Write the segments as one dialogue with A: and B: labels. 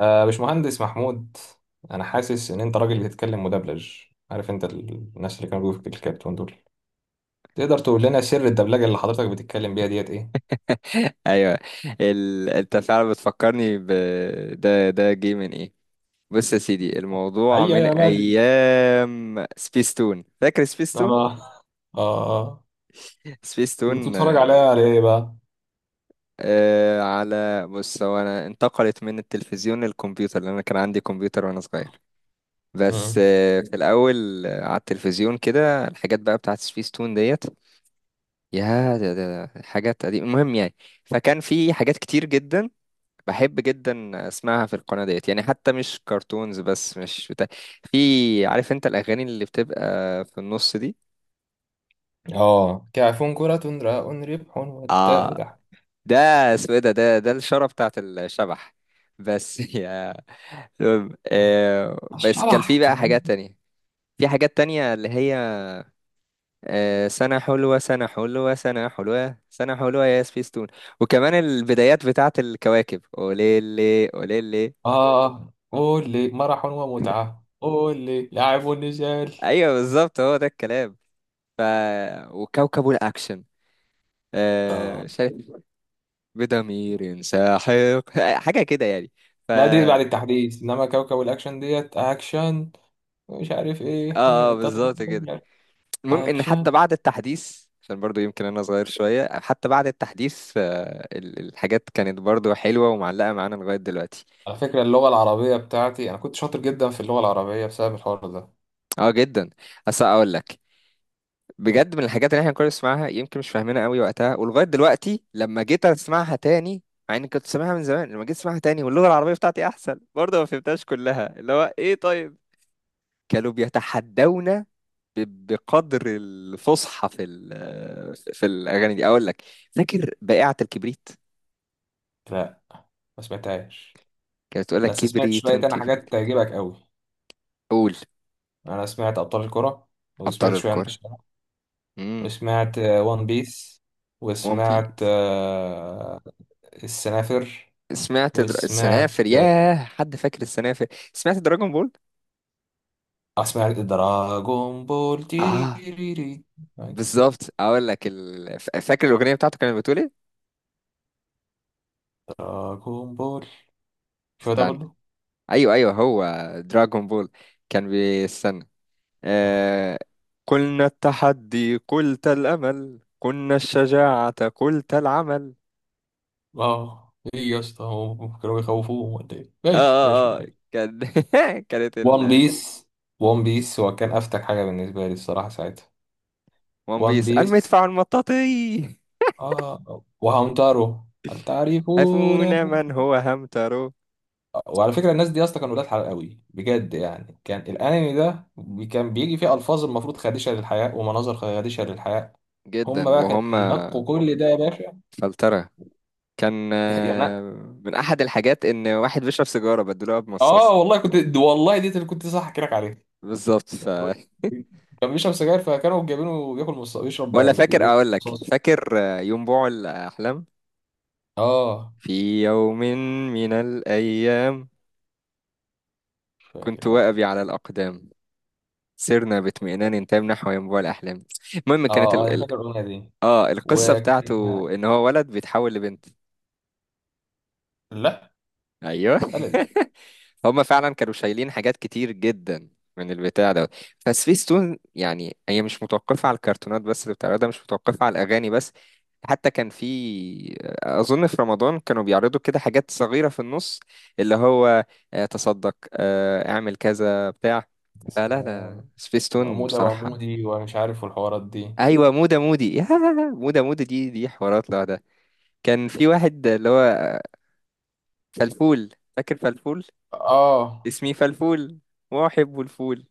A: آه باشمهندس محمود، انا حاسس ان انت راجل بتتكلم مدبلج. عارف انت الناس اللي كانوا بيقولوا في الكرتون دول، تقدر تقول لنا سر الدبلجه اللي حضرتك بتتكلم بيها ديت ايه؟
B: ايوه. انت فعلا بتفكرني ده جه من ايه؟ بص يا سيدي، الموضوع
A: هيا
B: من
A: يا ماجد.
B: ايام سبيستون. فاكر
A: اه
B: سبيستون؟
A: اه اه. انت كنت
B: سبيستون
A: بتتفرج
B: آه.
A: عليها على ايه بقى؟
B: على، بص، هو انا انتقلت من التلفزيون للكمبيوتر لان انا كان عندي كمبيوتر وانا صغير. بس
A: مم.
B: في الاول، على التلفزيون كده الحاجات بقى بتاعت سبيستون ديت، يا ده حاجات قديمة. المهم يعني، فكان في حاجات كتير جدا بحب جدا اسمعها في القناة ديت، يعني حتى مش كرتونز بس، مش بتاع، في، عارف انت، الاغاني اللي بتبقى في النص دي.
A: اه، كعف كرة راء ربح والتاء
B: اه،
A: دح.
B: ده اسمه ايه؟ ده الشارة بتاعت الشبح بس يا، المهم، بس كان في
A: الشبح.
B: بقى حاجات تانية، في حاجات تانية اللي هي سنة حلوة سنة حلوة سنة حلوة سنة حلوة يا سبيستون. وكمان البدايات بتاعت الكواكب، أوليلي أوليلي.
A: اه، قول لي مرح ومتعة، قول لي لعب ونزال.
B: أيوة، بالظبط هو ده الكلام. ف... وكوكب الأكشن.
A: اه.
B: شايف، بضمير ساحق حاجة كده يعني. ف
A: لا، دي بعد
B: اه
A: التحديث. انما كوكب الاكشن ديت اكشن، مش عارف ايه،
B: بالظبط
A: مش
B: كده.
A: عارف.
B: المهم إن
A: اكشن.
B: حتى بعد التحديث، عشان برضو يمكن أنا صغير شوية، حتى بعد التحديث الحاجات كانت برضو حلوة ومعلقة معانا لغاية دلوقتي.
A: على فكرة اللغة العربية بتاعتي، أنا كنت شاطر جدا في اللغة العربية بسبب الحوار ده.
B: اه جدا. بس أقول لك، بجد من الحاجات اللي احنا كنا بنسمعها يمكن مش فاهمينها قوي وقتها ولغايه دلوقتي لما جيت اسمعها تاني، مع اني كنت سامعها من زمان، لما جيت اسمعها تاني واللغه العربيه بتاعتي احسن برضه، ما فهمتهاش كلها، اللي هو ايه، طيب؟ كانوا بيتحدونا بقدر الفصحى في الاغاني دي. اقول لك، فاكر بائعه الكبريت؟
A: لا، ما سمعتهاش.
B: كانت تقول لك
A: بس سمعت
B: كبريت
A: شوية تاني
B: كبريت.
A: حاجات تعجبك قوي.
B: قول.
A: أنا سمعت أبطال الكرة،
B: ابطال
A: وسمعت شوية عن
B: الكره.
A: الشارع،
B: امم.
A: وسمعت وان بيس،
B: وان
A: وسمعت
B: بيس.
A: السنافر،
B: سمعت
A: وسمعت
B: السنافر. ياه، حد فاكر السنافر؟ سمعت دراجون بول.
A: سمعت دراغون بول تيري.
B: اه، بالظبط. اقول لك فاكر الاغنيه بتاعته كانت بتقول ايه؟
A: دراغون بول، شو ده
B: استنى.
A: برضه.
B: ايوه هو دراغون بول، كان بيستنى آه... قلنا التحدي، قلت الامل، قلنا الشجاعه، قلت العمل.
A: اه، ايه يا اسطى، هو كانوا بيخوفوهم ولا ايه؟
B: اه
A: ماشي ماشي
B: اه اه،
A: ماشي.
B: كان كانت
A: وان
B: ال
A: بيس، وان بيس هو كان افتك حاجه بالنسبه لي الصراحه ساعتها.
B: ون
A: وان
B: بيس
A: بيس.
B: المدفع المطاطي.
A: اه، وهامتارو هل تعرفون.
B: هفونا، من هو همترو؟
A: وعلى فكره الناس دي اصلا كانوا ولاد حلال قوي بجد، يعني كان الانمي ده كان بيجي فيه الفاظ المفروض خادشه للحياء ومناظر خادشه للحياء. هم
B: جدا.
A: بقى كانوا
B: وهم
A: بينقوا كل ده يا باشا.
B: فلترة. كان
A: يعني أنا-
B: من احد الحاجات ان واحد بيشرب سيجاره بدلوها بمصاص.
A: اه والله كنت، والله دي اللي كنت صح احكي لك عليها.
B: بالظبط.
A: كان بيشرب سجاير فكانوا جايبينه بياكل بيشرب،
B: ولا، فاكر؟
A: بياكل
B: اقول لك،
A: مصاصة.
B: فاكر يوم بوع الاحلام؟
A: اه.
B: في يوم من الايام
A: مش
B: كنت
A: فاكر انا عشان-
B: واقبي على الاقدام، سرنا باطمئنان تام نحو ينبوع الاحلام. المهم،
A: اه
B: كانت
A: اه، انا فاكر الاغنيه دي.
B: اه، القصه بتاعته
A: وكان،
B: ان هو ولد بيتحول لبنت.
A: لا،
B: ايوه
A: قلب.
B: هما فعلا كانوا شايلين حاجات كتير جدا من البتاع ده. فسبيستون يعني هي مش متوقفة على الكرتونات بس اللي بتعرضها، مش متوقفة على الأغاني بس. حتى كان في، أظن في رمضان، كانوا بيعرضوا كده حاجات صغيرة في النص، اللي هو تصدق، اعمل كذا بتاع.
A: بس
B: فلا لا، سبيستون
A: عمودة
B: بصراحة.
A: وعمودي ومش عارف والحوارات دي.
B: أيوة، مودة مودي يا، مودة مودي دي حوارات لوحدها. كان في واحد اللي هو فلفول. فاكر فلفول؟
A: اه
B: اسمي فلفول وأحب الفول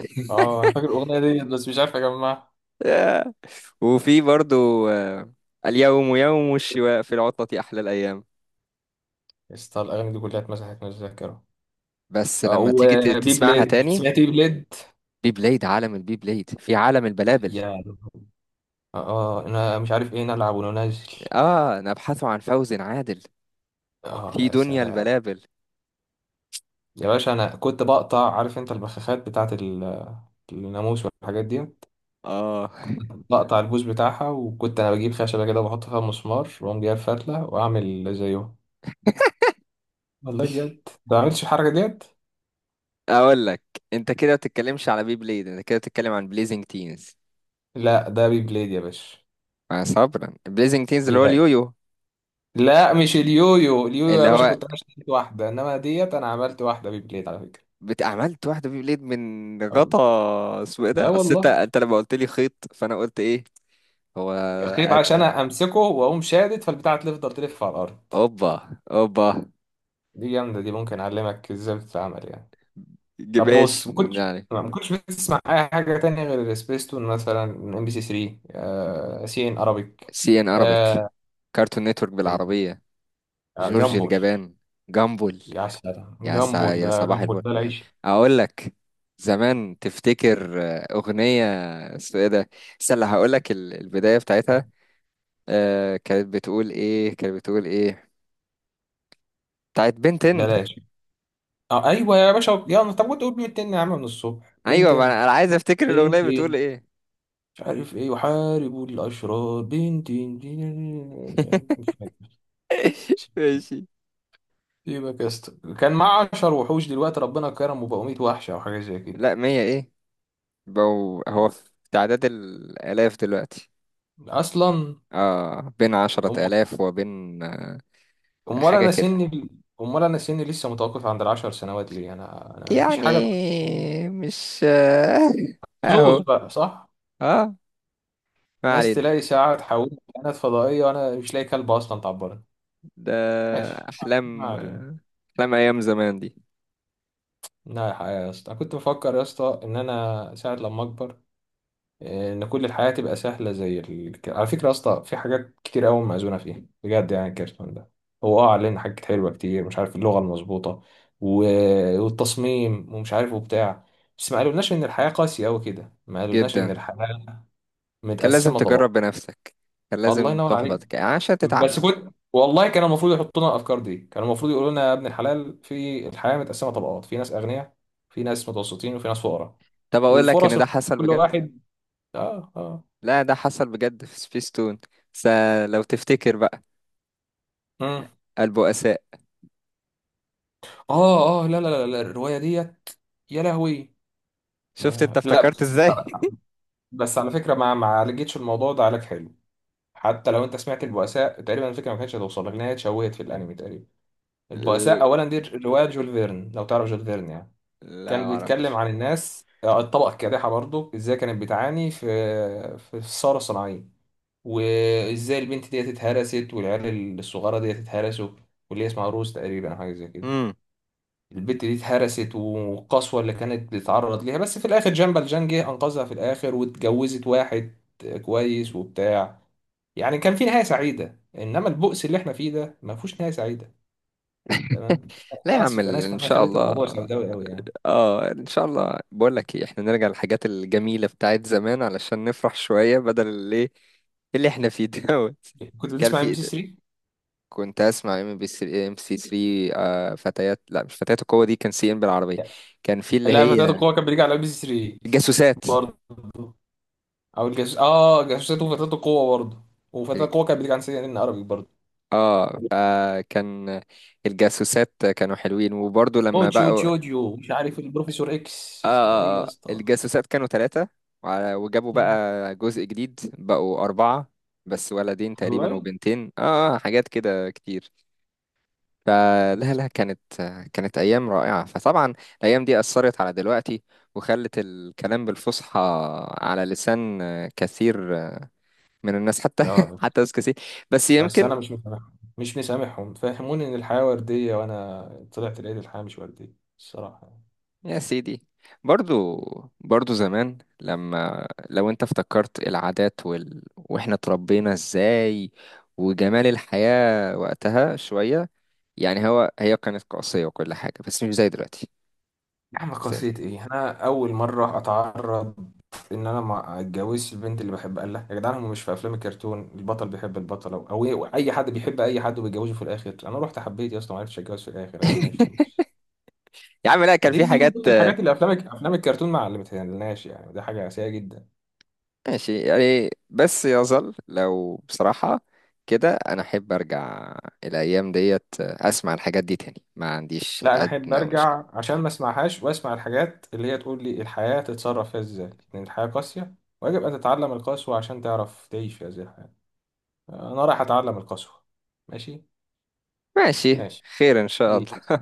A: اه، انا فاكر الاغنيه دي بس مش عارف اجمع.
B: آه. وفي برضو اليوم يوم الشواء في العطلة أحلى الأيام.
A: اسطى الاغاني دي كلها اتمسحت من الذاكره.
B: بس
A: آه،
B: لما تيجي
A: وبي
B: تسمعها
A: بليد،
B: تاني.
A: سمعت بي بليد.
B: بي بلايد، عالم البي بلايد في عالم البلابل،
A: يا. اه، انا مش عارف ايه نلعب وننزل.
B: آه نبحث عن فوز عادل
A: اه،
B: في
A: يا
B: دنيا
A: سلام.
B: البلابل.
A: يا باشا انا كنت بقطع، عارف انت البخاخات بتاعت الناموس والحاجات دي،
B: آه
A: بقطع البوز بتاعها وكنت انا بجيب خشبه كده وبحط فيها مسمار واقوم جايب فتله واعمل زيهم. والله بجد ما عملتش الحركه ديت.
B: أقول لك، أنت كده ما بتتكلمش على بي بلايد، أنت كده بتتكلم عن بليزنج تينز.
A: لا، ده بي بليد يا باشا.
B: مع صبرا بليزنج تينز اللي هو
A: يا.
B: اليويو.
A: لا مش اليويو، اليويو
B: اللي
A: يا باشا
B: هو
A: كنت انا اشتريت واحده، انما ديت انا عملت واحده بي بليد على فكره.
B: عملت واحدة بي بلايد من
A: والله.
B: غطا، اسمه ايه ده؟
A: اه
B: أصل أنت
A: والله.
B: أنت لما قلت لي خيط، فأنا قلت إيه. هو
A: خيط عشان امسكه واقوم شادد فالبتاعه تفضل تلف على الارض.
B: اوبا اوبا.
A: دي جامده، دي ممكن اعلمك ازاي بتتعمل يعني. طب
B: ماشي
A: بص، ما كنتش
B: يعني.
A: ما كنتش بتسمع اي حاجه تانية غير سبيستون؟ مثلا ام بي سي 3، سي ان ارابيك.
B: سي ان ارابيك،
A: آه.
B: كارتون نتورك
A: أيوة،
B: بالعربية. جورج
A: جامبول.
B: الجبان. جامبل.
A: يا سلام، جامبول
B: يا
A: ده،
B: صباح
A: جامبول
B: الفل.
A: ده العيش.
B: اقول لك زمان، تفتكر اغنية، اسمه ايه ده؟ استنى هقول لك البداية بتاعتها، آه كانت بتقول ايه؟ كانت بتقول ايه؟ بتاعت بنتن.
A: بلاش. اه ايوه يا باشا، يلا طب كنت اقول بنتين يا عم، من الصبح
B: ايوه، ما انا
A: بنتين.
B: أنا عايز افتكر الاغنية بتقول
A: بنتين،
B: ايه.
A: مش عارف ايه، يحاربوا الاشرار بنتين بنتين. مش فاكر.
B: ماشي.
A: سيبك يا اسطى، كان معاه 10 وحوش، دلوقتي ربنا كرمه بقوا 100 وحشه او حاجه زي كده.
B: لا، مية ايه؟ هو في تعداد الالاف دلوقتي.
A: اصلا.
B: اه، بين
A: هم.
B: 10 آلاف وبين
A: امال
B: حاجة
A: انا
B: كده
A: سني، امال انا سني لسه متوقف عند 10 سنوات ليه؟ انا مفيش
B: يعني.
A: حاجه اتغيرت.
B: مش آه،
A: زوز
B: اهو.
A: بقى، صح.
B: اه، ما
A: ناس
B: علينا.
A: تلاقي ساعه تحولني كائنات فضائيه وانا مش لاقي كلب اصلا تعبرني.
B: ده
A: ماشي. ما
B: أحلام،
A: علينا.
B: أحلام أيام زمان دي.
A: لا يا اسطى، كنت بفكر يا اسطى ان انا ساعه لما اكبر ان كل الحياه تبقى سهله زي على فكره يا اسطى، في حاجات كتير قوي موزونه فيها بجد يعني. الكرتون ده هو اه علينا حاجات حلوه كتير، مش عارف اللغه المظبوطه و... والتصميم ومش عارف وبتاع. بس ما قالولناش ان الحياه قاسيه قوي كده، ما قالولناش ان
B: جدا.
A: الحياه
B: كان لازم
A: متقسمه
B: تجرب
A: طبقات.
B: بنفسك، كان
A: الله
B: لازم
A: ينور عليك.
B: تحبط عشان
A: بس
B: تتعلم.
A: كنت والله، كان المفروض يحطوا لنا الافكار دي، كان المفروض يقولوا لنا يا ابن الحلال، في الحياه متقسمه طبقات، في ناس اغنياء، في ناس متوسطين، وفي ناس فقراء.
B: طب أقول لك إن
A: والفرص،
B: ده حصل
A: كل
B: بجد.
A: واحد. اه اه.
B: لا، ده حصل بجد في سبيستون. س لو تفتكر بقى،
A: مم.
B: البؤساء.
A: اه اه. لا لا لا لا، الرواية ديت، يا لهوي.
B: شفت انت
A: آه لا
B: افتكرت
A: بس،
B: ازاي.
A: بس على فكرة، ما عالجتش الموضوع ده علاج حلو. حتى لو انت سمعت البؤساء، تقريبا الفكرة ما كانتش هتوصل لك، انها اتشوهت في الانمي تقريبا. البؤساء اولا دي رواية جول فيرن، لو تعرف جول فيرن يعني.
B: لا،
A: كان بيتكلم
B: معرفش.
A: عن الناس، الطبقة الكادحة، برضو ازاي كانت بتعاني في في الثورة الصناعية، وازاي البنت ديت اتهرست والعيال الصغيرة ديت اتهرسوا، واللي هي اسمها روز تقريبا أو حاجة زي كده.
B: مم.
A: البت دي اتهرست والقسوة اللي كانت بتتعرض ليها، بس في الآخر جنبل جان جه أنقذها في الآخر واتجوزت واحد كويس وبتاع. يعني كان في نهاية سعيدة، إنما البؤس اللي إحنا فيه ده ما فيهوش نهاية سعيدة. تمام.
B: لا يا
A: أنا
B: عم
A: آسف أنا آسف
B: ان
A: أنا
B: شاء
A: خليت
B: الله.
A: الموضوع سوداوي أوي يعني.
B: اه، يعني ان شاء الله، بقول لك ايه، احنا نرجع للحاجات الجميله بتاعت زمان علشان نفرح شويه بدل اللي اللي احنا فيه دوت.
A: كنت
B: كان
A: بتسمع ام بي
B: في،
A: سي 3؟
B: كنت اسمع ام بي سي ام سي 3، فتيات، لا مش فتيات القوه، دي كان سي ام بالعربيه. كان في اللي
A: لا، فتاة
B: هي
A: القوة كان بيجي على ام بي سي 3
B: الجاسوسات.
A: برضه. أو الجاسوس، آه، جاسوسات وفتاة القوة برضه. وفتاة القوة كان بيجي على سي إن عربي برضه.
B: اه، فكان الجاسوسات كانوا حلوين، وبرضه لما
A: اوتشيو
B: بقوا
A: اوتشيو اوتشيو، مش عارف، البروفيسور اكس.
B: اه
A: ايه
B: اه
A: يا
B: اه،
A: اسطى.
B: الجاسوسات كانوا ثلاثة، وجابوا بقى جزء جديد بقوا أربعة، بس ولدين تقريبا
A: والله.
B: وبنتين. اه، حاجات كده كتير. فلا لا، كانت أيام رائعة. فطبعا الأيام دي أثرت على دلوقتي، وخلت الكلام بالفصحى على لسان كثير من الناس، حتى
A: لا بس،
B: حتى ناس كثير. بس
A: بس انا
B: يمكن.
A: مش مسامحهم، مش مسامحهم، فهموني ان الحياه ورديه وانا طلعت لقيت الحياه مش ورديه، الصراحه يعني.
B: يا سيدي، برضو برضو زمان، لما لو انت افتكرت العادات واحنا اتربينا ازاي، وجمال الحياة وقتها شوية، يعني هي كانت قاسية وكل حاجة، بس مش زي دلوقتي،
A: يا عم
B: مش زي
A: قصية
B: دلوقتي.
A: ايه، انا اول مره اتعرض ان انا ما اتجوزش البنت اللي بحبها. قال لها يا جدعان هم مش في افلام الكرتون البطل بيحب البطله او إيه، اي حد بيحب اي حد وبيتجوزه في الاخر. انا رحت حبيت يا اسطى ما عرفتش اتجوز في الاخر عشان معيش فلوس.
B: يا عم، لا كان في
A: دي من
B: حاجات
A: ضمن الحاجات اللي افلام الكرتون ما علمتهالناش يعني، دي حاجه سيئه جدا.
B: ماشي يعني، بس يظل لو بصراحة كده انا احب ارجع الايام ديت، اسمع الحاجات دي تاني، ما عنديش
A: لا انا احب
B: ادنى
A: ارجع
B: مشكلة.
A: عشان ما اسمعهاش، واسمع الحاجات اللي هي تقول لي الحياة تتصرف فيها ازاي، لان الحياة قاسية ويجب ان تتعلم القسوة عشان تعرف تعيش في هذه الحياة. انا رايح اتعلم القسوة. ماشي.
B: ماشي.
A: ماشي.
B: خير ان شاء الله.